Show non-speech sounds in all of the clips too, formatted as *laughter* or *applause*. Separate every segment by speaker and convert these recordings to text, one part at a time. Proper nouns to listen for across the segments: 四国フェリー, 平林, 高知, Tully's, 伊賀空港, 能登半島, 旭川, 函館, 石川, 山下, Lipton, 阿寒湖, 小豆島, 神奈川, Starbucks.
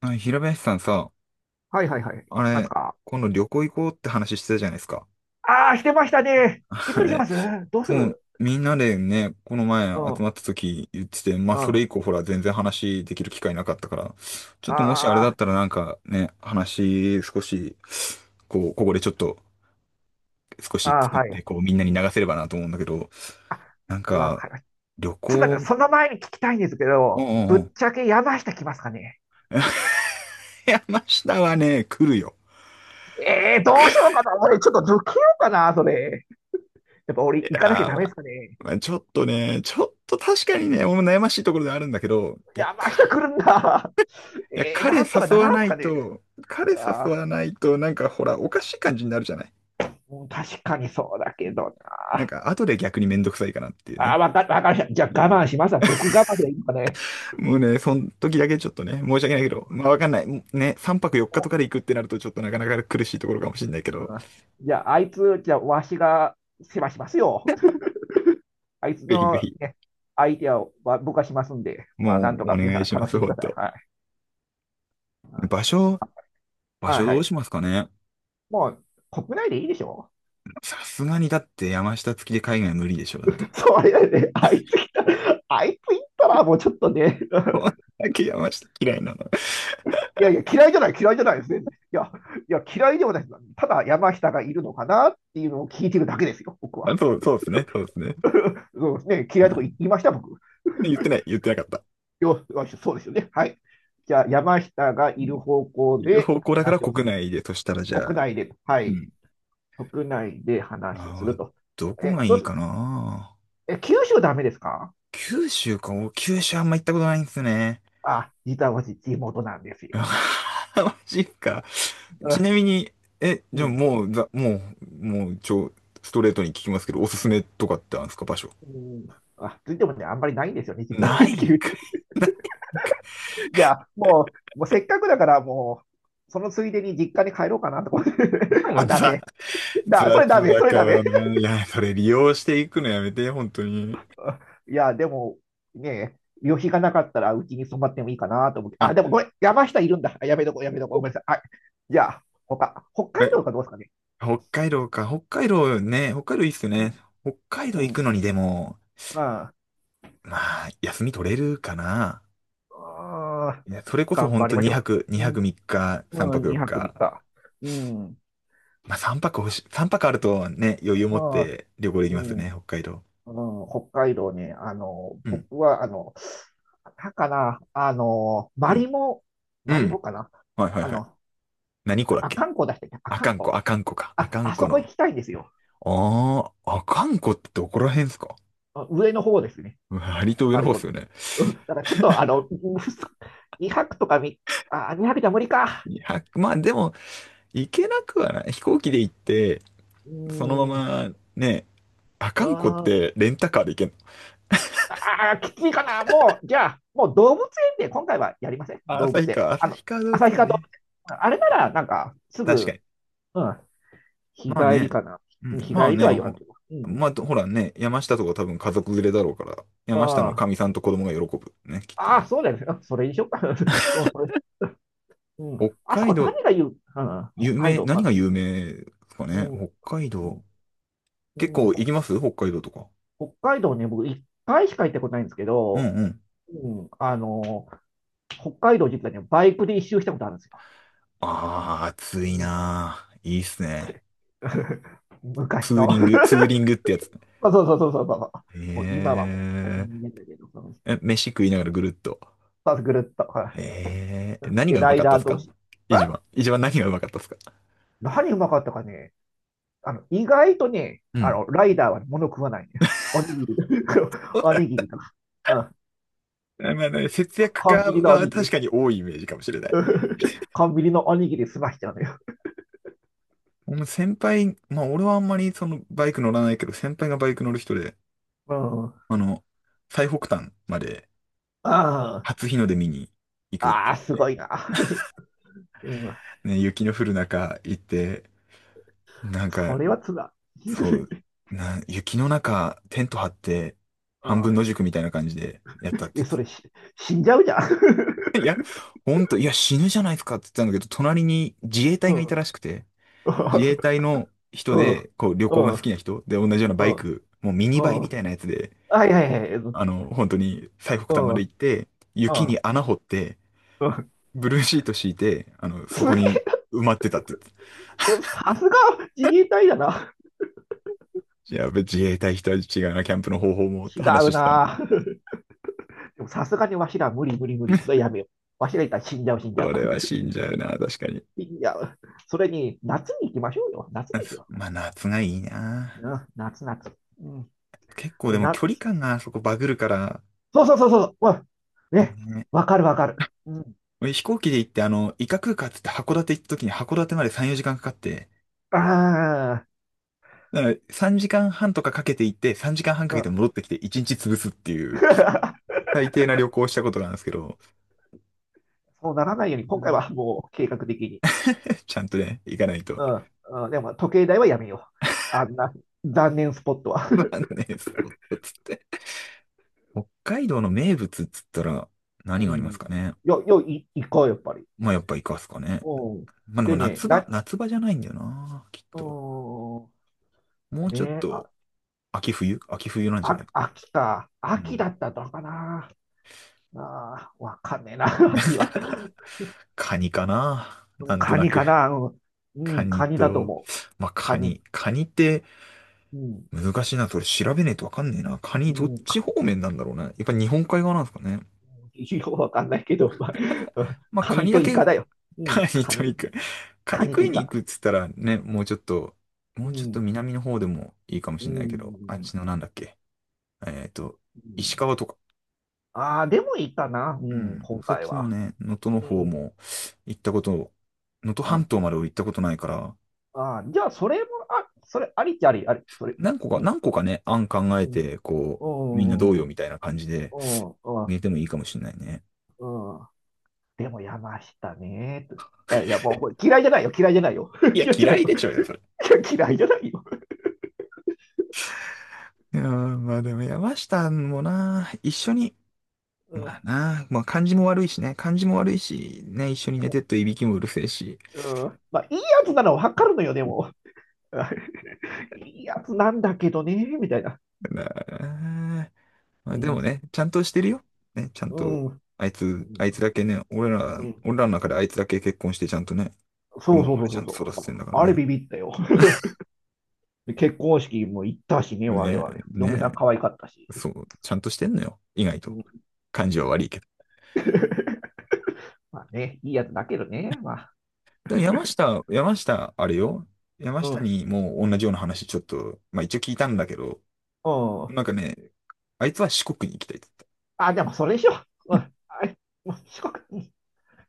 Speaker 1: あ、平林さんさ、
Speaker 2: はいはいはい。
Speaker 1: あ
Speaker 2: なんです
Speaker 1: れ、
Speaker 2: か。
Speaker 1: 今度旅行行こうって話してたじゃないですか。
Speaker 2: ああ、してましたね。い
Speaker 1: *laughs*
Speaker 2: つ
Speaker 1: あ
Speaker 2: にし
Speaker 1: れ、
Speaker 2: ます？どうす
Speaker 1: そう、
Speaker 2: る？
Speaker 1: みんなでね、この前
Speaker 2: うん、う
Speaker 1: 集
Speaker 2: ん。
Speaker 1: まった時言ってて、まあそ
Speaker 2: あ
Speaker 1: れ以降ほら全然話できる機会なかったから、ちょっともしあれだ
Speaker 2: あ、
Speaker 1: ったらなんかね、話少し、こう、ここでちょっと少
Speaker 2: あ
Speaker 1: し
Speaker 2: あ、
Speaker 1: 作っ
Speaker 2: は
Speaker 1: て、
Speaker 2: い。
Speaker 1: こうみんなに流せればなと思うんだけど。なん
Speaker 2: わ
Speaker 1: か、
Speaker 2: かりました。
Speaker 1: 旅
Speaker 2: ちょっと待って、
Speaker 1: 行、
Speaker 2: その前に聞きたいんですけ
Speaker 1: うん
Speaker 2: ど、
Speaker 1: うん
Speaker 2: ぶ
Speaker 1: うん。
Speaker 2: っちゃけ山下来ますかね？
Speaker 1: *laughs* 山下はね、来るよ。
Speaker 2: ええー、どうしようかな。俺、ちょっと抜けようかな、それ。やっぱ俺、
Speaker 1: や
Speaker 2: 行かなきゃ
Speaker 1: ー
Speaker 2: ダ
Speaker 1: ま
Speaker 2: メで
Speaker 1: あ、
Speaker 2: すかね。
Speaker 1: まあちょっとね、ちょっと確かにね、俺も悩ましいところではあるんだけど、
Speaker 2: 山下来るんだ。
Speaker 1: いや、
Speaker 2: ええー、
Speaker 1: 彼
Speaker 2: なんとか
Speaker 1: 誘
Speaker 2: な
Speaker 1: わ
Speaker 2: らん
Speaker 1: な
Speaker 2: す
Speaker 1: い
Speaker 2: かね。
Speaker 1: と、彼
Speaker 2: あ
Speaker 1: 誘
Speaker 2: あ、
Speaker 1: わないと、なんかほら、おかしい感じになるじゃない。
Speaker 2: うん、確かにそうだけど
Speaker 1: なん
Speaker 2: な。
Speaker 1: か、後で逆にめんどくさいかなっていう
Speaker 2: ああ、
Speaker 1: ね。
Speaker 2: わかりました。じゃ
Speaker 1: う
Speaker 2: あ我慢
Speaker 1: ん、
Speaker 2: しますわ。僕我慢でいいのかね。
Speaker 1: もうね、その時だけちょっとね、申し訳ないけど、まあわかんない。ね、3泊4日とかで行くってなると、ちょっとなかなか苦しいところかもしれないけ
Speaker 2: う
Speaker 1: ど。
Speaker 2: ん。じゃあ、あいつ、じゃあ、わしが世話しますよ。*laughs* あいつ
Speaker 1: ぜひぜ
Speaker 2: の、
Speaker 1: ひ、
Speaker 2: ね、相手は僕がしますんで、まあ、なん
Speaker 1: も
Speaker 2: と
Speaker 1: うお
Speaker 2: か皆
Speaker 1: 願
Speaker 2: さ
Speaker 1: い
Speaker 2: ん
Speaker 1: しま
Speaker 2: 楽し
Speaker 1: す、
Speaker 2: ん
Speaker 1: ほ
Speaker 2: で
Speaker 1: ん
Speaker 2: ください。
Speaker 1: と。
Speaker 2: はい。う
Speaker 1: 場
Speaker 2: ん。
Speaker 1: 所、場
Speaker 2: はい
Speaker 1: 所
Speaker 2: は
Speaker 1: どう
Speaker 2: い。
Speaker 1: しますかね。
Speaker 2: もう、国内でいいでしょ？
Speaker 1: さすがにだって山下付きで海外無理でしょ、だって。
Speaker 2: *laughs* そうやね、あいつ来たら、あいつ行ったら、もうちょっとね、
Speaker 1: 山下嫌いなの。
Speaker 2: *laughs* いやいや、嫌いじゃないですね。いや、嫌いではないです。ただ、山下がいるのかなっていうのを聞いてるだけですよ、僕
Speaker 1: あ、
Speaker 2: は。
Speaker 1: そう、そうですね、そうですね。
Speaker 2: そうですね、
Speaker 1: は
Speaker 2: 嫌いとこ
Speaker 1: い。
Speaker 2: 行いました、僕。
Speaker 1: 言ってない、言ってなかった。
Speaker 2: よし、そうですよね。はい。じゃあ、山下が
Speaker 1: う
Speaker 2: いる
Speaker 1: ん、
Speaker 2: 方向
Speaker 1: いる
Speaker 2: で
Speaker 1: 方向だから
Speaker 2: 話をす
Speaker 1: 国
Speaker 2: る。
Speaker 1: 内で、そしたらじゃ
Speaker 2: 国
Speaker 1: あ、
Speaker 2: 内で、は
Speaker 1: う
Speaker 2: い。
Speaker 1: ん。
Speaker 2: 国内で話をす
Speaker 1: あ
Speaker 2: る
Speaker 1: ー、
Speaker 2: と。
Speaker 1: どこ
Speaker 2: え、
Speaker 1: が
Speaker 2: ど
Speaker 1: い
Speaker 2: う
Speaker 1: い
Speaker 2: す、
Speaker 1: かな。
Speaker 2: え、九州ダメですか？
Speaker 1: 九州か、九州あんま行ったことないんですね。
Speaker 2: あ、実は私、地元なんです
Speaker 1: *laughs*
Speaker 2: よ。
Speaker 1: うわーマジか。
Speaker 2: *laughs* う
Speaker 1: ち
Speaker 2: ん。
Speaker 1: なみに、
Speaker 2: う
Speaker 1: じゃあ
Speaker 2: ん。
Speaker 1: もう、ストレートに聞きますけど、おすすめとかってあるんですか、場所。
Speaker 2: うん。あ、ついてもね、あんまりないんですよね、実は
Speaker 1: ない
Speaker 2: *laughs*
Speaker 1: ん
Speaker 2: 九州。
Speaker 1: かい。*laughs* ないんか
Speaker 2: もうせっかくだから、もう、そのついでに実家に帰ろうかなとか。
Speaker 1: い。
Speaker 2: *laughs*
Speaker 1: もう
Speaker 2: あ、ダメ。それダ
Speaker 1: 雑
Speaker 2: メ、
Speaker 1: だ
Speaker 2: それ
Speaker 1: か
Speaker 2: ダメ。
Speaker 1: らねいや、それ利用していくのやめて、本当に。
Speaker 2: いや、でも、ねえ、旅費がなかったらうちに泊まってもいいかなと思って。
Speaker 1: あ、
Speaker 2: あ、でもごめん、山下いるんだ。あ、やめとこう、やめとこう。ごめんなさい。はい。じゃあ、他、北海
Speaker 1: え
Speaker 2: 道かどうですかね。
Speaker 1: 北海道か。北海道ね、北海道いいっすよ
Speaker 2: う
Speaker 1: ね。
Speaker 2: ん。
Speaker 1: 北海道
Speaker 2: う
Speaker 1: 行く
Speaker 2: ん。
Speaker 1: のにでも、
Speaker 2: ま
Speaker 1: まあ、休み取れるかな。
Speaker 2: ああ、
Speaker 1: いや、それこそ
Speaker 2: 頑
Speaker 1: 本
Speaker 2: 張り
Speaker 1: 当
Speaker 2: ましょ
Speaker 1: 2泊、
Speaker 2: う。
Speaker 1: 2
Speaker 2: う
Speaker 1: 泊3日、3
Speaker 2: ん。う
Speaker 1: 泊
Speaker 2: ん、
Speaker 1: 4
Speaker 2: 2泊3
Speaker 1: 日。
Speaker 2: 日。うん。
Speaker 1: まあ3泊欲しい、泊あるとね、余裕持っ
Speaker 2: あー、
Speaker 1: て旅行でき
Speaker 2: う
Speaker 1: ますよ
Speaker 2: ん。
Speaker 1: ね、北海道。
Speaker 2: うん、北海道ね、あの、
Speaker 1: うん。
Speaker 2: 僕は、あの、なんかな、あの、
Speaker 1: う
Speaker 2: マリ
Speaker 1: ん。
Speaker 2: モ、
Speaker 1: う
Speaker 2: マリ
Speaker 1: ん。
Speaker 2: モかな。
Speaker 1: はいはい
Speaker 2: あ
Speaker 1: はい。
Speaker 2: の、
Speaker 1: 何湖
Speaker 2: あ、
Speaker 1: だっ
Speaker 2: 阿
Speaker 1: け。
Speaker 2: 寒湖出してね、阿
Speaker 1: 阿
Speaker 2: 寒
Speaker 1: 寒
Speaker 2: 湖。
Speaker 1: 湖、阿寒湖か。阿
Speaker 2: あ、
Speaker 1: 寒
Speaker 2: あ
Speaker 1: 湖
Speaker 2: そこ行
Speaker 1: の。
Speaker 2: きたいんですよ。
Speaker 1: ああ、阿寒湖ってどこら辺ですか？
Speaker 2: あ、上の方ですね。
Speaker 1: 割と上
Speaker 2: 北
Speaker 1: の
Speaker 2: 海
Speaker 1: 方っ
Speaker 2: 道う
Speaker 1: すよ
Speaker 2: ぞ、
Speaker 1: ね。
Speaker 2: うんだからちょっと、あの、*laughs* 2泊とかみ、あ、2泊じゃ無理か。
Speaker 1: 2 0、まあでも、行けなくはない。飛行機で行って、
Speaker 2: う
Speaker 1: そのま
Speaker 2: ーん、
Speaker 1: まね、あ
Speaker 2: あ
Speaker 1: かんこっ
Speaker 2: ー、
Speaker 1: てレンタカーで行けんの。
Speaker 2: あー、きついかな。もう、じゃあ、もう動物園で今回はやりません。
Speaker 1: あ、
Speaker 2: 動物
Speaker 1: 旭
Speaker 2: 園。
Speaker 1: 川、
Speaker 2: あの、
Speaker 1: 旭川動物
Speaker 2: 旭
Speaker 1: 園
Speaker 2: 川動物
Speaker 1: ね。
Speaker 2: 園。あれなら、なんか、す
Speaker 1: 確か
Speaker 2: ぐ、
Speaker 1: に。
Speaker 2: うん、日
Speaker 1: まあ
Speaker 2: 帰り
Speaker 1: ね、
Speaker 2: かな。う
Speaker 1: う
Speaker 2: ん、
Speaker 1: ん、
Speaker 2: 日帰
Speaker 1: まあ
Speaker 2: りと
Speaker 1: ね、
Speaker 2: は言わんけど。うん。
Speaker 1: まあ、ほらね、山下とか多分家族連れだろうから、山下の
Speaker 2: あ
Speaker 1: かみさんと子供が喜ぶ。ね、きっと
Speaker 2: あ、あ
Speaker 1: ね。
Speaker 2: ー、そうだよね。うん、それにしようか。*laughs* そう、それ。うん。
Speaker 1: 北
Speaker 2: あそ
Speaker 1: 海
Speaker 2: こ
Speaker 1: 道、
Speaker 2: 何が言う、うん、北
Speaker 1: 有
Speaker 2: 海
Speaker 1: 名、
Speaker 2: 道。
Speaker 1: 何
Speaker 2: あ、
Speaker 1: が有名ですか
Speaker 2: う
Speaker 1: ね。
Speaker 2: ん、う
Speaker 1: 北海道。結
Speaker 2: ん、う
Speaker 1: 構
Speaker 2: ん、
Speaker 1: 行きます北海道とか。
Speaker 2: 北海道ね、僕一回しか行ったことないんですけ
Speaker 1: うん
Speaker 2: ど、
Speaker 1: うん。
Speaker 2: うん、あの、北海道実はね、バイクで一周したことあるんですよ。
Speaker 1: ああ、暑
Speaker 2: う
Speaker 1: い
Speaker 2: ん、
Speaker 1: なー。いいっすね。
Speaker 2: *laughs*
Speaker 1: ツ
Speaker 2: 昔
Speaker 1: ー
Speaker 2: の。
Speaker 1: リング、ツー
Speaker 2: *laughs*
Speaker 1: リングってやつ。
Speaker 2: そうそうそうそうそうそう。
Speaker 1: へ
Speaker 2: もう今はもう、
Speaker 1: え。
Speaker 2: 残念だけど、その、
Speaker 1: 飯食いながらぐるっと。
Speaker 2: まずぐるっと。はい。
Speaker 1: へえ。何
Speaker 2: で、
Speaker 1: がう
Speaker 2: ラ
Speaker 1: ま
Speaker 2: イ
Speaker 1: かったっ
Speaker 2: ダー
Speaker 1: す
Speaker 2: 同
Speaker 1: か、
Speaker 2: 士。
Speaker 1: 一番。
Speaker 2: え、
Speaker 1: 一番何がうまかったっすか。
Speaker 2: 何うまかったかね。あの、意外とね、
Speaker 1: う
Speaker 2: あ
Speaker 1: ん。
Speaker 2: の、ライダーはね物食わないんだよ。おにぎりとか、*laughs* おに
Speaker 1: *laughs*
Speaker 2: ぎりとか。うん。
Speaker 1: まあまあ、ね、節約家
Speaker 2: コンビニのお
Speaker 1: は
Speaker 2: にぎ
Speaker 1: 確
Speaker 2: り。
Speaker 1: かに多いイメージかもしれない。
Speaker 2: *laughs* コンビニのおにぎり済ましちゃうのよ。
Speaker 1: もう先輩、まあ俺はあんまりそのバイク乗らないけど、先輩がバイク乗る人で、
Speaker 2: うん。あ
Speaker 1: あの、最北端まで
Speaker 2: あ、
Speaker 1: 初日の出見に行くっ
Speaker 2: あ
Speaker 1: て
Speaker 2: あ、す
Speaker 1: 言って、
Speaker 2: ごいな。うん。
Speaker 1: ね、雪の降る中行って、なんか、
Speaker 2: それはつらい。
Speaker 1: そう、
Speaker 2: *laughs*
Speaker 1: 雪の中テント張って、
Speaker 2: う
Speaker 1: 半分
Speaker 2: ん。
Speaker 1: 野宿みたいな感じでやったって。
Speaker 2: え、それし、死んじゃうじゃん。*laughs*
Speaker 1: ほんと、いや、死ぬじゃないですかって言ってたんだけど、隣に自衛
Speaker 2: う
Speaker 1: 隊がいた
Speaker 2: ん。
Speaker 1: らしくて、自衛
Speaker 2: う
Speaker 1: 隊の
Speaker 2: ん。
Speaker 1: 人
Speaker 2: うん。
Speaker 1: で、こう、旅行が
Speaker 2: う
Speaker 1: 好き
Speaker 2: ん。
Speaker 1: な人で、同じような
Speaker 2: う
Speaker 1: バイ
Speaker 2: ん。
Speaker 1: ク、もうミニバイ
Speaker 2: う
Speaker 1: みた
Speaker 2: ん。
Speaker 1: いなやつで、
Speaker 2: はいはいはい。うん。
Speaker 1: 本当に最北端まで
Speaker 2: う
Speaker 1: 行って、雪
Speaker 2: ん。
Speaker 1: に穴掘って、
Speaker 2: うん。
Speaker 1: ブルーシート敷いて、そ
Speaker 2: すげ
Speaker 1: こ
Speaker 2: え、
Speaker 1: に埋まってたって言って
Speaker 2: うん、
Speaker 1: た。*laughs*
Speaker 2: さすが自衛隊だな。
Speaker 1: いや自衛隊人は違うな、キャンプの方法もっ
Speaker 2: 違
Speaker 1: て
Speaker 2: う
Speaker 1: 話してたんで。
Speaker 2: な。*laughs* でもさすがにわしら無理無理無理。これ
Speaker 1: *laughs*
Speaker 2: やめよう。わしらいたら死んじゃう死んじゃう。
Speaker 1: それは死んじゃうな、確かに。
Speaker 2: *laughs* 死んじゃう。それに、夏に行きましょうよ。夏ですよ。
Speaker 1: まあ、夏がいいな。
Speaker 2: うん、夏夏。うん。
Speaker 1: 結構
Speaker 2: で
Speaker 1: で
Speaker 2: も
Speaker 1: も
Speaker 2: な、
Speaker 1: 距離感があそこバグるから、
Speaker 2: そうそうそうそう。うん。ね。わかるわかる。うん。
Speaker 1: 俺飛行機で行って、伊賀空港っつって函館行った時に函館まで3、4時間かかって、
Speaker 2: ああ、
Speaker 1: だから3時間半とかかけて行って、3時間半か
Speaker 2: う
Speaker 1: けて
Speaker 2: ん。
Speaker 1: 戻ってきて1日潰すっていう、
Speaker 2: *laughs*
Speaker 1: 最低な旅行をしたことがあるんですけど。
Speaker 2: そうならないように、今回はも
Speaker 1: *laughs*
Speaker 2: う計画的に。
Speaker 1: ちゃんとね、行かないと。
Speaker 2: うん。うん、でも、時計台はやめよう。あんな、残念スポットは。
Speaker 1: まあね、スポットつって。北海道の名物っつったら
Speaker 2: う
Speaker 1: 何があります
Speaker 2: ん。
Speaker 1: かね。
Speaker 2: よ、よ、い、行こう、やっぱり。
Speaker 1: まあやっぱイカっすかね。
Speaker 2: うん。
Speaker 1: まあでも
Speaker 2: でね、
Speaker 1: 夏場、
Speaker 2: な、
Speaker 1: 夏場じゃないんだよな、きっ
Speaker 2: う
Speaker 1: と。
Speaker 2: ーん。
Speaker 1: もうちょっ
Speaker 2: ねあ、
Speaker 1: と、秋冬秋冬なんじゃ
Speaker 2: あ、
Speaker 1: ないかな。
Speaker 2: 秋か。
Speaker 1: う
Speaker 2: 秋だ
Speaker 1: ん。
Speaker 2: ったのかな。ああ、わかんねえな、*laughs* 秋は。
Speaker 1: カニかな、
Speaker 2: う
Speaker 1: な
Speaker 2: ん、
Speaker 1: んと
Speaker 2: カ
Speaker 1: な
Speaker 2: ニ
Speaker 1: く。
Speaker 2: かな。うん、う
Speaker 1: カ
Speaker 2: ん、
Speaker 1: ニ
Speaker 2: カニだと
Speaker 1: と、
Speaker 2: 思う。
Speaker 1: まあ、
Speaker 2: カ
Speaker 1: カ
Speaker 2: ニ。
Speaker 1: ニ。カニって
Speaker 2: うん、
Speaker 1: 難しいな。それ調べねえとわかんねえな。カニ
Speaker 2: う
Speaker 1: どっ
Speaker 2: ん、
Speaker 1: ち方面なんだろうね。やっぱ日本海側なんですかね。
Speaker 2: *laughs* ようわかんないけど、まあ、*laughs*
Speaker 1: まあ、
Speaker 2: カ
Speaker 1: カ
Speaker 2: ニ
Speaker 1: ニ
Speaker 2: と
Speaker 1: だ
Speaker 2: イ
Speaker 1: け、
Speaker 2: カだよ。
Speaker 1: *laughs*
Speaker 2: う
Speaker 1: カ
Speaker 2: ん、
Speaker 1: ニ
Speaker 2: カ
Speaker 1: と
Speaker 2: ニと、
Speaker 1: 行く。カ
Speaker 2: カ
Speaker 1: ニ
Speaker 2: ニ
Speaker 1: 食
Speaker 2: と
Speaker 1: い
Speaker 2: イ
Speaker 1: に行く
Speaker 2: カ。
Speaker 1: っつったらね、もうちょっと、も
Speaker 2: う
Speaker 1: うちょっと
Speaker 2: ん、
Speaker 1: 南の方でもいいかも
Speaker 2: う
Speaker 1: しれないけど、あっ
Speaker 2: ん、
Speaker 1: ちのなんだっけ。えっと、
Speaker 2: う
Speaker 1: 石
Speaker 2: ん。
Speaker 1: 川とか。
Speaker 2: ああ、でもいいかな、う
Speaker 1: う
Speaker 2: ん、
Speaker 1: ん。
Speaker 2: 今
Speaker 1: そっ
Speaker 2: 回
Speaker 1: ちの
Speaker 2: は。
Speaker 1: ね、能登の
Speaker 2: う
Speaker 1: 方
Speaker 2: ん、
Speaker 1: も行ったこと、能登
Speaker 2: うん。
Speaker 1: 半
Speaker 2: あ
Speaker 1: 島まで俺行ったことないから、
Speaker 2: あ、じゃあ、それも、ありっちゃあり、あり、それ。
Speaker 1: 何個か、
Speaker 2: うん、
Speaker 1: 何個かね、案考え
Speaker 2: うん、
Speaker 1: て、こ
Speaker 2: う
Speaker 1: う、みんなどう
Speaker 2: ん、うん、う
Speaker 1: よ
Speaker 2: ん、
Speaker 1: みたいな感じで、
Speaker 2: う
Speaker 1: 入
Speaker 2: ん。
Speaker 1: れてもいいかもしれないね。
Speaker 2: でも、山下ね。と、いや、もう、これ嫌いじゃないよ、嫌いじゃないよ。*laughs*
Speaker 1: いや、
Speaker 2: 嫌いじゃな
Speaker 1: 嫌
Speaker 2: い
Speaker 1: い
Speaker 2: よ。
Speaker 1: でちょうよ、それ。
Speaker 2: *laughs* 嫌いじゃないよ。
Speaker 1: いやー、まあでも山下もな、一緒に、
Speaker 2: うん、
Speaker 1: まあな、まあ感じも悪いしね、感じも悪いし、ね、一緒に
Speaker 2: で
Speaker 1: 寝
Speaker 2: も、
Speaker 1: てっといびきもうるせえし。
Speaker 2: うん。まあ、いいやつなのはわかるのよ、でも。いいやつなんだけどね、みたいな。
Speaker 1: まあま
Speaker 2: う
Speaker 1: あで
Speaker 2: ん、
Speaker 1: もね、ちゃんとしてるよ。ね、ちゃん
Speaker 2: う
Speaker 1: と、
Speaker 2: ん、うん、
Speaker 1: あいつだけね、俺らの中であいつだけ結婚してちゃんとね、子
Speaker 2: そ
Speaker 1: 供
Speaker 2: うそう
Speaker 1: ま
Speaker 2: そ
Speaker 1: で
Speaker 2: う
Speaker 1: ち
Speaker 2: そ
Speaker 1: ゃ
Speaker 2: う
Speaker 1: んと
Speaker 2: そ
Speaker 1: 育
Speaker 2: う。
Speaker 1: ててんだから
Speaker 2: あれ
Speaker 1: ね。
Speaker 2: ビビったよ。*laughs* 結婚式も行ったしね、我
Speaker 1: ね、
Speaker 2: 々。嫁さ
Speaker 1: ね、
Speaker 2: ん可愛かったし。
Speaker 1: そう、ちゃんとしてんのよ。意外
Speaker 2: う
Speaker 1: と。
Speaker 2: ん。
Speaker 1: 感じは悪いけど。
Speaker 2: *laughs* まあね、いいやつだけどね、まあ。
Speaker 1: でも山下、あれよ。山
Speaker 2: う
Speaker 1: 下
Speaker 2: ん、
Speaker 1: にもう同じような話ちょっと、まあ一応聞いたんだけど、
Speaker 2: うん。
Speaker 1: なんかね、あいつは四国に行きたいって言っ
Speaker 2: あ、でもそれでしょ。うん。あ、四国、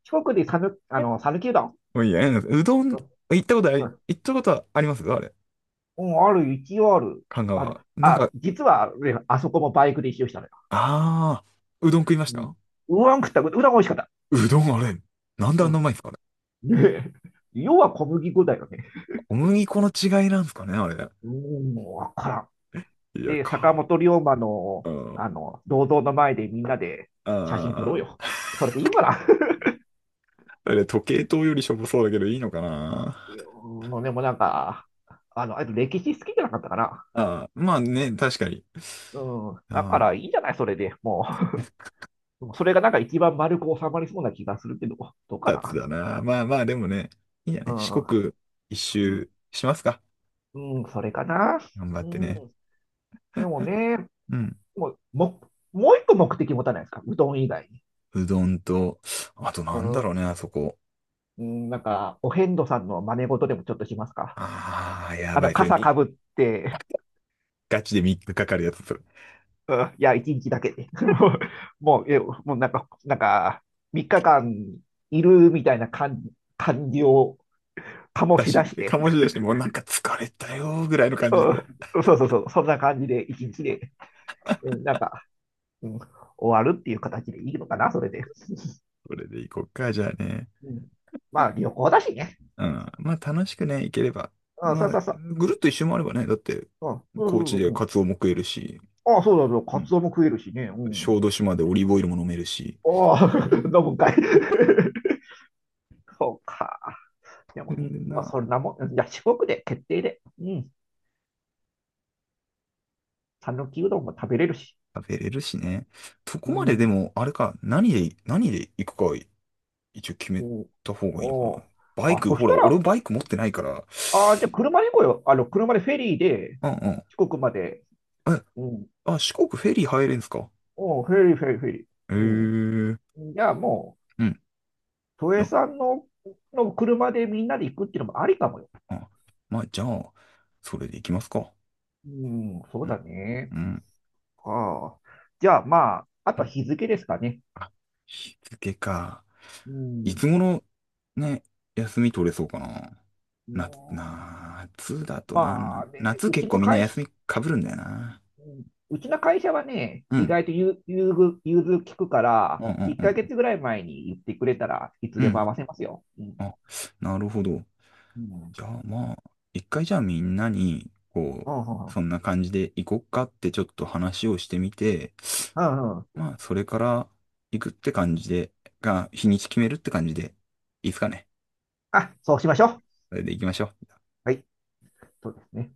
Speaker 2: 四国で讃、あの、讃岐うどん。
Speaker 1: た。もういいや、なんかうどん、
Speaker 2: うん、
Speaker 1: 行ったことあり、行ったことはあります、あれ。
Speaker 2: うん、ある、一応ある。
Speaker 1: 神奈
Speaker 2: あの、
Speaker 1: 川。なん
Speaker 2: あ、
Speaker 1: か、
Speaker 2: 実は、あそこもバイクで一周したのよ。
Speaker 1: ああ、うどん食いまし
Speaker 2: うん。う
Speaker 1: た。
Speaker 2: どん食った、うどん美味しかった。
Speaker 1: うどんあれ、なんであん
Speaker 2: う、
Speaker 1: なうまいんですかね。
Speaker 2: *laughs* で、要は小麦粉だよね。
Speaker 1: 小麦粉の違いなんですかね、あれ。
Speaker 2: うーん、もうわからん。
Speaker 1: いや、
Speaker 2: で、坂
Speaker 1: か。
Speaker 2: 本龍馬
Speaker 1: う
Speaker 2: の、
Speaker 1: ん。
Speaker 2: あの、銅像の前でみんなで写真撮ろう
Speaker 1: あ
Speaker 2: よ。
Speaker 1: あ、
Speaker 2: それでいいかな。*laughs*
Speaker 1: あれ、時計塔よりしょぼそうだけどいいのかな。
Speaker 2: うん、でもなんか、あの、あと歴史好きじゃなかったかな。
Speaker 1: ああ、まあね、確かに。
Speaker 2: うん、だか
Speaker 1: あ
Speaker 2: らいいんじゃないそれで。もう、それがなんか一番丸く収まりそうな気がするけど、どうかな。
Speaker 1: つだな。まあまあ、でもね、いいんじゃな
Speaker 2: う
Speaker 1: い四
Speaker 2: ん、
Speaker 1: 国一
Speaker 2: うん、
Speaker 1: 周しますか。
Speaker 2: うん、それかな。
Speaker 1: 頑張っ
Speaker 2: う
Speaker 1: て
Speaker 2: ん、
Speaker 1: ね。
Speaker 2: でもね、
Speaker 1: うん。
Speaker 2: もう、も、もう一個目的持たないですかうどん以外に。
Speaker 1: うどんと、あと
Speaker 2: う
Speaker 1: なんだ
Speaker 2: ん。
Speaker 1: ろうね、あそこ。
Speaker 2: うん、なんか、お遍路さんの真似事でもちょっとしますか。
Speaker 1: ああ、や
Speaker 2: あ
Speaker 1: ば
Speaker 2: の、
Speaker 1: い。それ
Speaker 2: 傘か
Speaker 1: み、
Speaker 2: ぶって、
Speaker 1: ガチで3日かかかるやつ、それ。
Speaker 2: うん、いや、一日だけで。*laughs* もう、もうえ、もうなんか、なんか、3日間いるみたいな感、感じを醸し出して、
Speaker 1: 醸し出して、もうなんか疲れたよ、ぐらいの感じでこ
Speaker 2: うん、そうそうそう、そんな感じで一日で、うん、なんか、うん、終わるっていう形でいいのかな、それで。
Speaker 1: う。それで行こっか、じゃあね。
Speaker 2: うん、まあ、旅行だしね。
Speaker 1: う
Speaker 2: うん、
Speaker 1: ん。まあ楽しくね、行ければ。
Speaker 2: あ、
Speaker 1: ま
Speaker 2: そうそ
Speaker 1: あ、
Speaker 2: うそう。
Speaker 1: ぐるっと一周もあればね、だって、
Speaker 2: うん、そう
Speaker 1: 高
Speaker 2: そう
Speaker 1: 知
Speaker 2: そう。
Speaker 1: で
Speaker 2: う
Speaker 1: カ
Speaker 2: ん、
Speaker 1: ツオも食えるし、
Speaker 2: あ、そうだそう、
Speaker 1: う
Speaker 2: カツ
Speaker 1: ん。
Speaker 2: オも食えるしね。う
Speaker 1: 小
Speaker 2: ん。
Speaker 1: 豆島でオリーブオイルも飲めるし。
Speaker 2: ああ
Speaker 1: うん、
Speaker 2: *laughs* 飲むんかい。そうか。でも
Speaker 1: 全
Speaker 2: ね、
Speaker 1: 然
Speaker 2: まあ、
Speaker 1: な、
Speaker 2: そんなもん、いや、四国で決定で、うん、讃岐うどんも食べれるし。
Speaker 1: 食べれるしね。そ
Speaker 2: う
Speaker 1: こまでで
Speaker 2: ん、
Speaker 1: も、あれか、何で行くか一応決め
Speaker 2: うん、
Speaker 1: た方がいいのか
Speaker 2: お
Speaker 1: な。
Speaker 2: う。
Speaker 1: バイ
Speaker 2: あ、
Speaker 1: ク、
Speaker 2: そし
Speaker 1: ほら、
Speaker 2: た
Speaker 1: 俺
Speaker 2: ら、
Speaker 1: バイク持ってないから。
Speaker 2: あー、じゃあ車で行こうよ。あの、車でフェリーで、
Speaker 1: うん
Speaker 2: 四国まで。
Speaker 1: うん。
Speaker 2: うん、
Speaker 1: 四国フェリー入れんすか。
Speaker 2: おうフェリー、フェリー、フェリー。
Speaker 1: ええー。
Speaker 2: うん。じゃあもう、
Speaker 1: うん。
Speaker 2: 都
Speaker 1: い
Speaker 2: 営
Speaker 1: や
Speaker 2: さんの、の車でみんなで行くっていうのもありかもよ。
Speaker 1: あ、まあ、じゃあ、それで行きますか。
Speaker 2: うん、そ
Speaker 1: う
Speaker 2: うだ
Speaker 1: ん。
Speaker 2: ね。
Speaker 1: うん。
Speaker 2: ああ。じゃあまあ、あ
Speaker 1: う
Speaker 2: とは
Speaker 1: ん、
Speaker 2: 日付ですかね。
Speaker 1: あ、日付か。
Speaker 2: う
Speaker 1: い
Speaker 2: ん。
Speaker 1: つ頃ね、休み取れそうかな。
Speaker 2: う
Speaker 1: 夏、
Speaker 2: ん。
Speaker 1: 夏だとな、
Speaker 2: まあね、
Speaker 1: 夏
Speaker 2: うち
Speaker 1: 結構
Speaker 2: の
Speaker 1: みんな
Speaker 2: 会、
Speaker 1: 休み
Speaker 2: う
Speaker 1: かぶるん
Speaker 2: ん、
Speaker 1: だよな。
Speaker 2: うん、うちの会社はね、
Speaker 1: う
Speaker 2: 意
Speaker 1: ん
Speaker 2: 外と融融通、融通聞くか
Speaker 1: うん
Speaker 2: ら、
Speaker 1: うん
Speaker 2: 1
Speaker 1: う
Speaker 2: ヶ
Speaker 1: ん。
Speaker 2: 月ぐらい前に言ってくれたらいつ
Speaker 1: う
Speaker 2: でも合
Speaker 1: ん、
Speaker 2: わせますよ。うん。
Speaker 1: あ、なるほど。
Speaker 2: うん。
Speaker 1: じゃあまあ、一回じゃあみんなに、こ
Speaker 2: うん。
Speaker 1: う、
Speaker 2: う
Speaker 1: そ
Speaker 2: ん。
Speaker 1: んな感じで行こっかってちょっと話をしてみて、
Speaker 2: うん。うん。
Speaker 1: まあ、それから行くって感じで、日にち決めるって感じで、いいですかね。
Speaker 2: あ、そうしましょう。
Speaker 1: それで行きましょう。
Speaker 2: はい。そうですね。